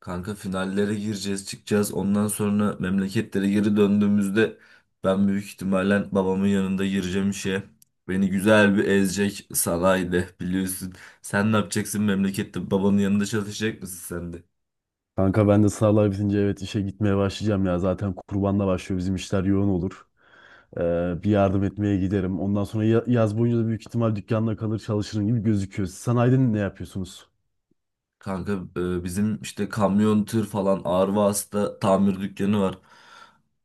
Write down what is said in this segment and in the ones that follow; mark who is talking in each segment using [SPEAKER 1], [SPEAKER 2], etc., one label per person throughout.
[SPEAKER 1] Kanka finallere gireceğiz, çıkacağız. Ondan sonra memleketlere geri döndüğümüzde ben büyük ihtimalle babamın yanında gireceğim işe. Beni güzel bir ezecek sanayide biliyorsun. Sen ne yapacaksın memlekette? Babanın yanında çalışacak mısın sen de?
[SPEAKER 2] Kanka ben de sınavlar bitince evet işe gitmeye başlayacağım ya. Zaten kurbanla başlıyor, bizim işler yoğun olur. Bir yardım etmeye giderim. Ondan sonra yaz boyunca da büyük ihtimal dükkanda kalır çalışırım gibi gözüküyor. Siz sanayide ne yapıyorsunuz?
[SPEAKER 1] Kanka bizim işte kamyon, tır falan ağır vasıta tamir dükkanı var.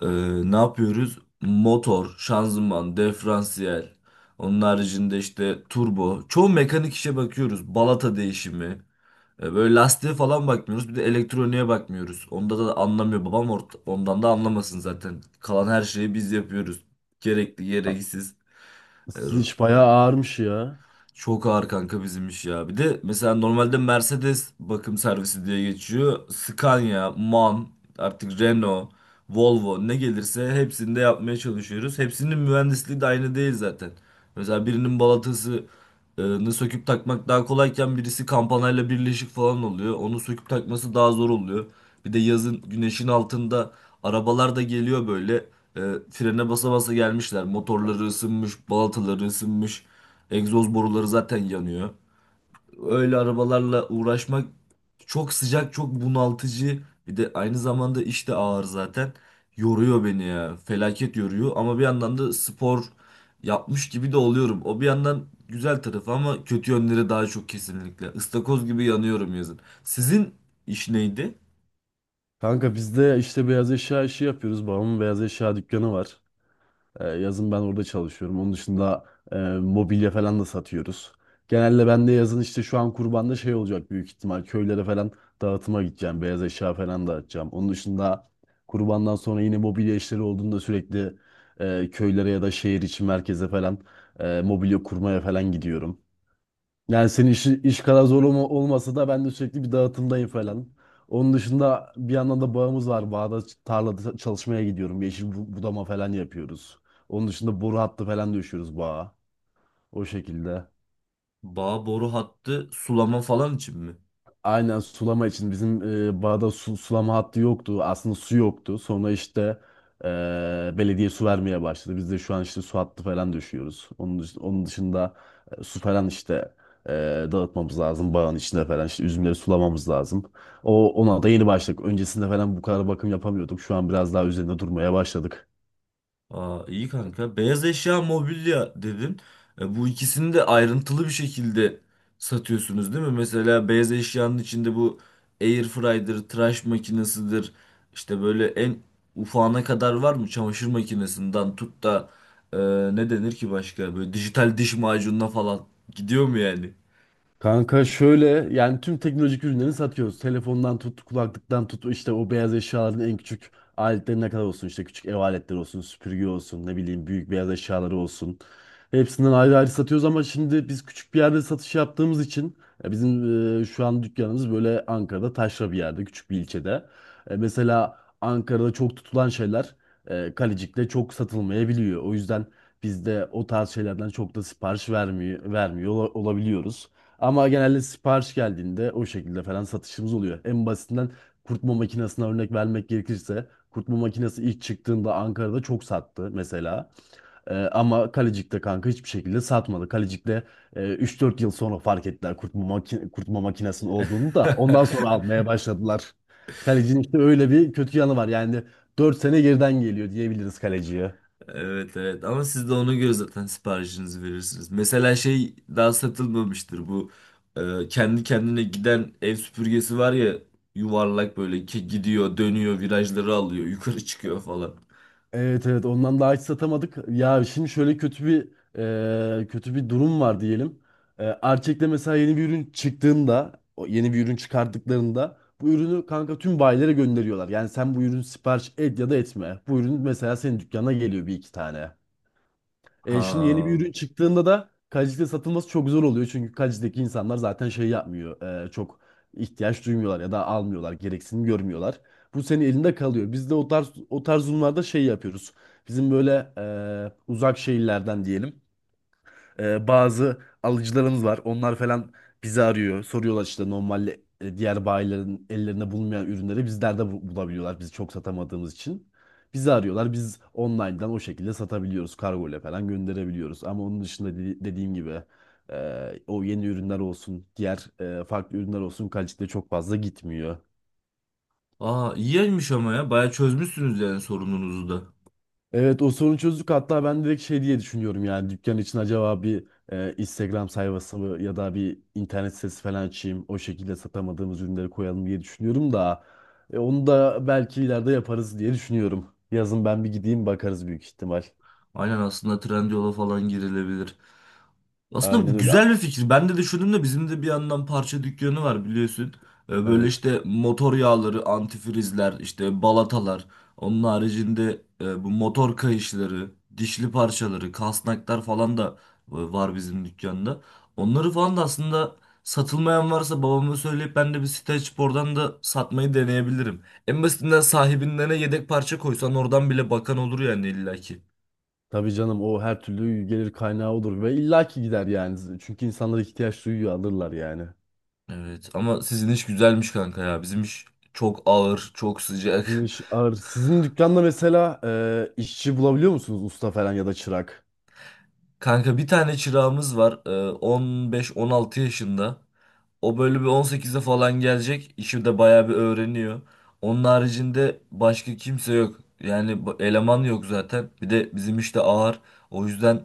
[SPEAKER 1] E, Ne yapıyoruz? Motor, şanzıman, diferansiyel. Onun haricinde işte turbo. Çoğu mekanik işe bakıyoruz. Balata değişimi. Böyle lastiğe falan bakmıyoruz. Bir de elektroniğe bakmıyoruz. Onda da anlamıyor babam. Ondan da anlamasın zaten. Kalan her şeyi biz yapıyoruz. Gerekli,
[SPEAKER 2] Ha.
[SPEAKER 1] gereksiz.
[SPEAKER 2] Sizin iş bayağı ağırmış ya.
[SPEAKER 1] Çok ağır kanka bizim iş ya. Bir de mesela normalde Mercedes bakım servisi diye geçiyor. Scania, MAN, artık Renault, Volvo ne gelirse hepsini de yapmaya çalışıyoruz. Hepsinin mühendisliği de aynı değil zaten. Mesela birinin balatasını söküp takmak daha kolayken birisi kampanayla birleşik falan oluyor. Onu söküp takması daha zor oluyor. Bir de yazın güneşin altında arabalar da geliyor böyle. E, Frene basa basa gelmişler. Motorları ısınmış, balataları ısınmış. Egzoz boruları zaten yanıyor. Öyle arabalarla uğraşmak çok sıcak, çok bunaltıcı. Bir de aynı zamanda iş de ağır zaten. Yoruyor beni ya. Felaket yoruyor ama bir yandan da spor yapmış gibi de oluyorum. O bir yandan güzel tarafı ama kötü yönleri daha çok kesinlikle. Istakoz gibi yanıyorum yazın. Sizin iş neydi?
[SPEAKER 2] Kanka biz de işte beyaz eşya işi yapıyoruz. Babamın beyaz eşya dükkanı var. Yazın ben orada çalışıyorum. Onun dışında mobilya falan da satıyoruz. Genelde ben de yazın işte şu an kurbanda şey olacak büyük ihtimal. Köylere falan dağıtıma gideceğim. Beyaz eşya falan dağıtacağım. Onun dışında kurbandan sonra yine mobilya işleri olduğunda sürekli köylere ya da şehir içi merkeze falan mobilya kurmaya falan gidiyorum. Yani senin iş kadar zor olmasa da ben de sürekli bir dağıtımdayım falan. Onun dışında bir yandan da bağımız var. Bağda tarlada çalışmaya gidiyorum. Yeşil budama falan yapıyoruz. Onun dışında boru hattı falan döşüyoruz bağa. O şekilde.
[SPEAKER 1] Bağ boru hattı sulama falan için mi?
[SPEAKER 2] Aynen, sulama için. Bizim bağda sulama hattı yoktu. Aslında su yoktu. Sonra işte e, belediye su vermeye başladı. Biz de şu an işte su hattı falan düşüyoruz. Onun dışında su falan işte e, dağıtmamız lazım. Bağın içinde falan işte üzümleri sulamamız lazım. O ona da yeni başladık. Öncesinde falan bu kadar bakım yapamıyorduk. Şu an biraz daha üzerinde durmaya başladık.
[SPEAKER 1] Aa, iyi kanka. Beyaz eşya, mobilya dedin. Bu ikisini de ayrıntılı bir şekilde satıyorsunuz değil mi? Mesela beyaz eşyanın içinde bu air fryer'dır, tıraş makinesidir. İşte böyle en ufağına kadar var mı? Çamaşır makinesinden tut da e, ne denir ki başka? Böyle dijital diş macununa falan gidiyor mu yani?
[SPEAKER 2] Kanka şöyle, yani tüm teknolojik ürünleri satıyoruz. Telefondan tut, kulaklıktan tut, işte o beyaz eşyaların en küçük aletlerine kadar olsun, işte küçük ev aletleri olsun, süpürge olsun, ne bileyim, büyük beyaz eşyaları olsun. Hepsinden ayrı ayrı satıyoruz ama şimdi biz küçük bir yerde satış yaptığımız için şu an dükkanımız böyle Ankara'da taşra bir yerde, küçük bir ilçede. E, mesela Ankara'da çok tutulan şeyler Kalecik'te çok satılmayabiliyor. O yüzden biz de o tarz şeylerden çok da vermiyor olabiliyoruz. Ama genelde sipariş geldiğinde o şekilde falan satışımız oluyor. En basitinden kurutma makinesine örnek vermek gerekirse, kurutma makinesi ilk çıktığında Ankara'da çok sattı mesela. Ama Kalecik'te kanka hiçbir şekilde satmadı. Kalecik'te 3-4 yıl sonra fark ettiler kurutma makinesinin olduğunu, da ondan sonra almaya başladılar. Kalecinin işte öyle bir kötü yanı var. Yani 4 sene geriden geliyor diyebiliriz kaleciye.
[SPEAKER 1] Evet evet ama siz de ona göre zaten siparişinizi verirsiniz. Mesela şey daha satılmamıştır bu kendi kendine giden ev süpürgesi var ya, yuvarlak böyle ki gidiyor dönüyor virajları alıyor yukarı çıkıyor falan.
[SPEAKER 2] Evet, evet, ondan daha hiç satamadık. Ya şimdi şöyle kötü bir, kötü bir durum var diyelim. E, Arçelik'le mesela yeni bir ürün çıkarttıklarında bu ürünü kanka tüm bayilere gönderiyorlar. Yani sen bu ürünü sipariş et ya da etme. Bu ürün mesela senin dükkana geliyor bir iki tane. E, şimdi yeni bir
[SPEAKER 1] Ha.
[SPEAKER 2] ürün çıktığında da kaliteli satılması çok zor oluyor. Çünkü kalitedeki insanlar zaten şey yapmıyor, çok ihtiyaç duymuyorlar ya da almıyorlar, gereksinim görmüyorlar. Bu senin elinde kalıyor. Biz de o tarz durumlarda şey yapıyoruz. Bizim böyle uzak şehirlerden diyelim bazı alıcılarımız var. Onlar falan bizi arıyor. Soruyorlar işte normalde diğer bayilerin ellerine bulunmayan ürünleri bizlerde bulabiliyorlar. Biz çok satamadığımız için bizi arıyorlar. Biz online'dan o şekilde satabiliyoruz. Kargo ile falan gönderebiliyoruz. Ama onun dışında dediğim gibi o yeni ürünler olsun, diğer farklı ürünler olsun, kalitede çok fazla gitmiyor.
[SPEAKER 1] Aa, iyiymiş ama ya bayağı çözmüşsünüz yani sorununuzu da.
[SPEAKER 2] Evet, o sorunu çözdük. Hatta ben direkt şey diye düşünüyorum, yani dükkan için acaba bir Instagram sayfası mı ya da bir internet sitesi falan açayım, o şekilde satamadığımız ürünleri koyalım diye düşünüyorum da onu da belki ileride yaparız diye düşünüyorum. Yazın ben bir gideyim, bakarız büyük ihtimal.
[SPEAKER 1] Aynen, aslında Trendyol'a falan girilebilir. Aslında
[SPEAKER 2] Aynen
[SPEAKER 1] bu
[SPEAKER 2] öyle.
[SPEAKER 1] güzel bir fikir. Ben de düşündüm de bizim de bir yandan parça dükkanı var biliyorsun. Böyle
[SPEAKER 2] Evet.
[SPEAKER 1] işte motor yağları, antifrizler, işte balatalar. Onun haricinde bu motor kayışları, dişli parçaları, kasnaklar falan da var bizim dükkanda. Onları falan da aslında satılmayan varsa babama söyleyip ben de bir site açıp oradan da satmayı deneyebilirim. En basitinden sahibinden yedek parça koysan oradan bile bakan olur yani illaki.
[SPEAKER 2] Tabii canım, o her türlü gelir kaynağı olur ve illaki gider yani. Çünkü insanlar ihtiyaç duyuyor, alırlar yani.
[SPEAKER 1] Evet ama sizin iş güzelmiş kanka ya. Bizim iş çok ağır, çok
[SPEAKER 2] Sizin
[SPEAKER 1] sıcak.
[SPEAKER 2] iş ağır. Sizin dükkanda mesela işçi bulabiliyor musunuz? Usta falan ya da çırak.
[SPEAKER 1] Kanka bir tane çırağımız var. 15-16 yaşında. O böyle bir 18'e falan gelecek. İşi de bayağı bir öğreniyor. Onun haricinde başka kimse yok. Yani eleman yok zaten. Bir de bizim işte ağır. O yüzden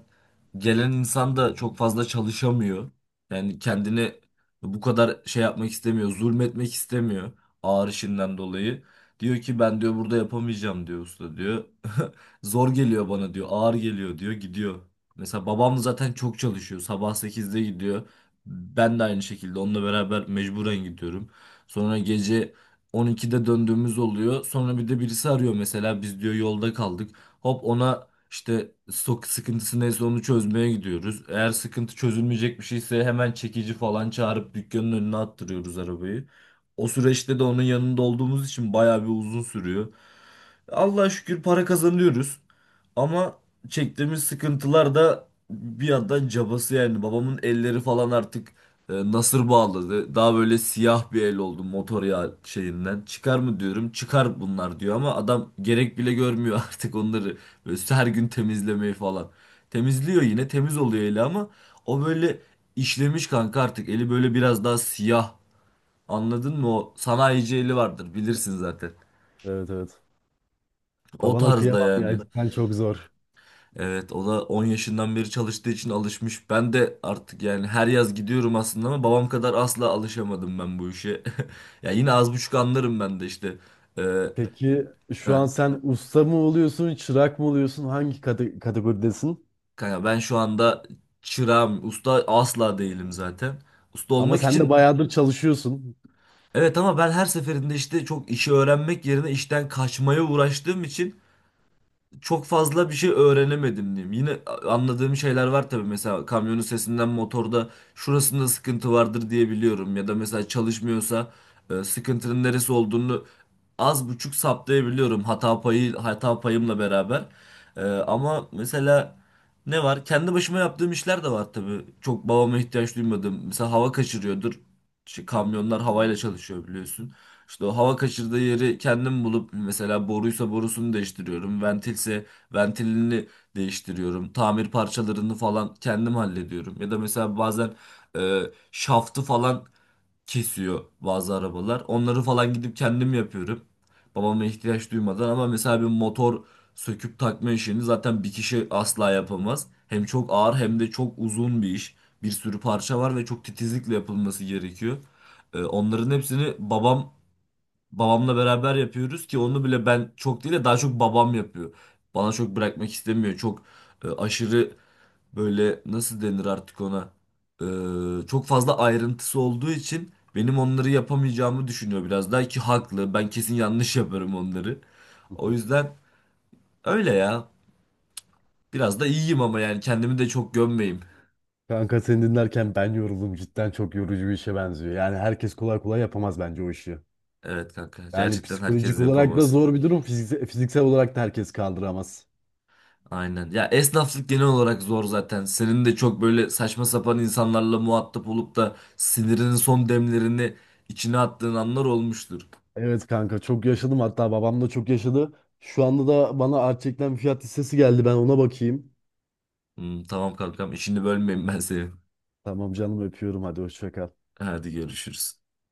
[SPEAKER 1] gelen insan da çok fazla çalışamıyor. Yani kendini bu kadar şey yapmak istemiyor. Zulmetmek istemiyor ağır işinden dolayı. Diyor ki ben diyor burada yapamayacağım diyor usta diyor. Zor geliyor bana diyor. Ağır geliyor diyor. Gidiyor. Mesela babam zaten çok çalışıyor. Sabah 8'de gidiyor. Ben de aynı şekilde onunla beraber mecburen gidiyorum. Sonra gece 12'de döndüğümüz oluyor. Sonra bir de birisi arıyor mesela biz diyor yolda kaldık. Hop ona işte sok sıkıntısı neyse onu çözmeye gidiyoruz. Eğer sıkıntı çözülmeyecek bir şeyse hemen çekici falan çağırıp dükkanın önüne attırıyoruz arabayı. O süreçte de onun yanında olduğumuz için bayağı bir uzun sürüyor. Allah'a şükür para kazanıyoruz. Ama çektiğimiz sıkıntılar da bir yandan cabası yani. Babamın elleri falan artık nasır bağladı. Daha böyle siyah bir el oldu motor yağı şeyinden. Çıkar mı diyorum. Çıkar bunlar diyor ama adam gerek bile görmüyor artık onları. Böyle her gün temizlemeyi falan. Temizliyor yine temiz oluyor eli ama o böyle işlemiş kanka artık. Eli böyle biraz daha siyah. Anladın mı? O sanayici eli vardır bilirsin zaten.
[SPEAKER 2] Evet, evet.
[SPEAKER 1] O
[SPEAKER 2] Babana
[SPEAKER 1] tarzda
[SPEAKER 2] kıyamam ya.
[SPEAKER 1] yani.
[SPEAKER 2] Cidden çok zor.
[SPEAKER 1] Evet o da 10 yaşından beri çalıştığı için alışmış. Ben de artık yani her yaz gidiyorum aslında ama babam kadar asla alışamadım ben bu işe. Ya yine az buçuk anlarım ben de işte. Ee,
[SPEAKER 2] Peki şu
[SPEAKER 1] heh,
[SPEAKER 2] an sen usta mı oluyorsun, çırak mı oluyorsun? Hangi kategoridesin?
[SPEAKER 1] kanka ben şu anda çırağım, usta asla değilim zaten. Usta
[SPEAKER 2] Ama
[SPEAKER 1] olmak
[SPEAKER 2] sen de
[SPEAKER 1] için
[SPEAKER 2] bayağıdır çalışıyorsun.
[SPEAKER 1] evet ama ben her seferinde işte çok işi öğrenmek yerine işten kaçmaya uğraştığım için çok fazla bir şey öğrenemedim diyeyim. Yine anladığım şeyler var tabii. Mesela kamyonun sesinden motorda şurasında sıkıntı vardır diye biliyorum. Ya da mesela çalışmıyorsa sıkıntının neresi olduğunu az buçuk saptayabiliyorum hata payımla beraber. Ama mesela ne var? Kendi başıma yaptığım işler de var tabii. Çok babama ihtiyaç duymadım. Mesela hava kaçırıyordur. İşte kamyonlar havayla çalışıyor biliyorsun. İşte o hava kaçırdığı yeri kendim bulup mesela boruysa borusunu değiştiriyorum. Ventilse ventilini değiştiriyorum. Tamir parçalarını falan kendim hallediyorum. Ya da mesela bazen e, şaftı falan kesiyor bazı arabalar. Onları falan gidip kendim yapıyorum. Babama ihtiyaç duymadan ama mesela bir motor söküp takma işini zaten bir kişi asla yapamaz. Hem çok ağır hem de çok uzun bir iş. Bir sürü parça var ve çok titizlikle yapılması gerekiyor. E, Onların hepsini babam Babamla beraber yapıyoruz ki onu bile ben çok değil de daha çok babam yapıyor. Bana çok bırakmak istemiyor. Çok aşırı böyle nasıl denir artık ona? Çok fazla ayrıntısı olduğu için benim onları yapamayacağımı düşünüyor biraz daha ki haklı. Ben kesin yanlış yaparım onları. O yüzden öyle ya. Biraz da iyiyim ama yani kendimi de çok gömmeyeyim.
[SPEAKER 2] Kanka seni dinlerken ben yoruldum. Cidden çok yorucu bir işe benziyor. Yani herkes kolay kolay yapamaz bence o işi.
[SPEAKER 1] Evet kanka
[SPEAKER 2] Yani
[SPEAKER 1] gerçekten
[SPEAKER 2] psikolojik
[SPEAKER 1] herkes
[SPEAKER 2] olarak da
[SPEAKER 1] yapamaz.
[SPEAKER 2] zor bir durum. Fiziksel olarak da herkes kaldıramaz.
[SPEAKER 1] Aynen. Ya esnaflık genel olarak zor zaten. Senin de çok böyle saçma sapan insanlarla muhatap olup da sinirinin son demlerini içine attığın anlar olmuştur.
[SPEAKER 2] Evet kanka, çok yaşadım. Hatta babam da çok yaşadı. Şu anda da bana gerçekten fiyat listesi geldi, ben ona bakayım.
[SPEAKER 1] Hmm, tamam kankam, işini bölmeyeyim ben senin.
[SPEAKER 2] Tamam canım, öpüyorum. Hadi hoşça kal.
[SPEAKER 1] Hadi görüşürüz.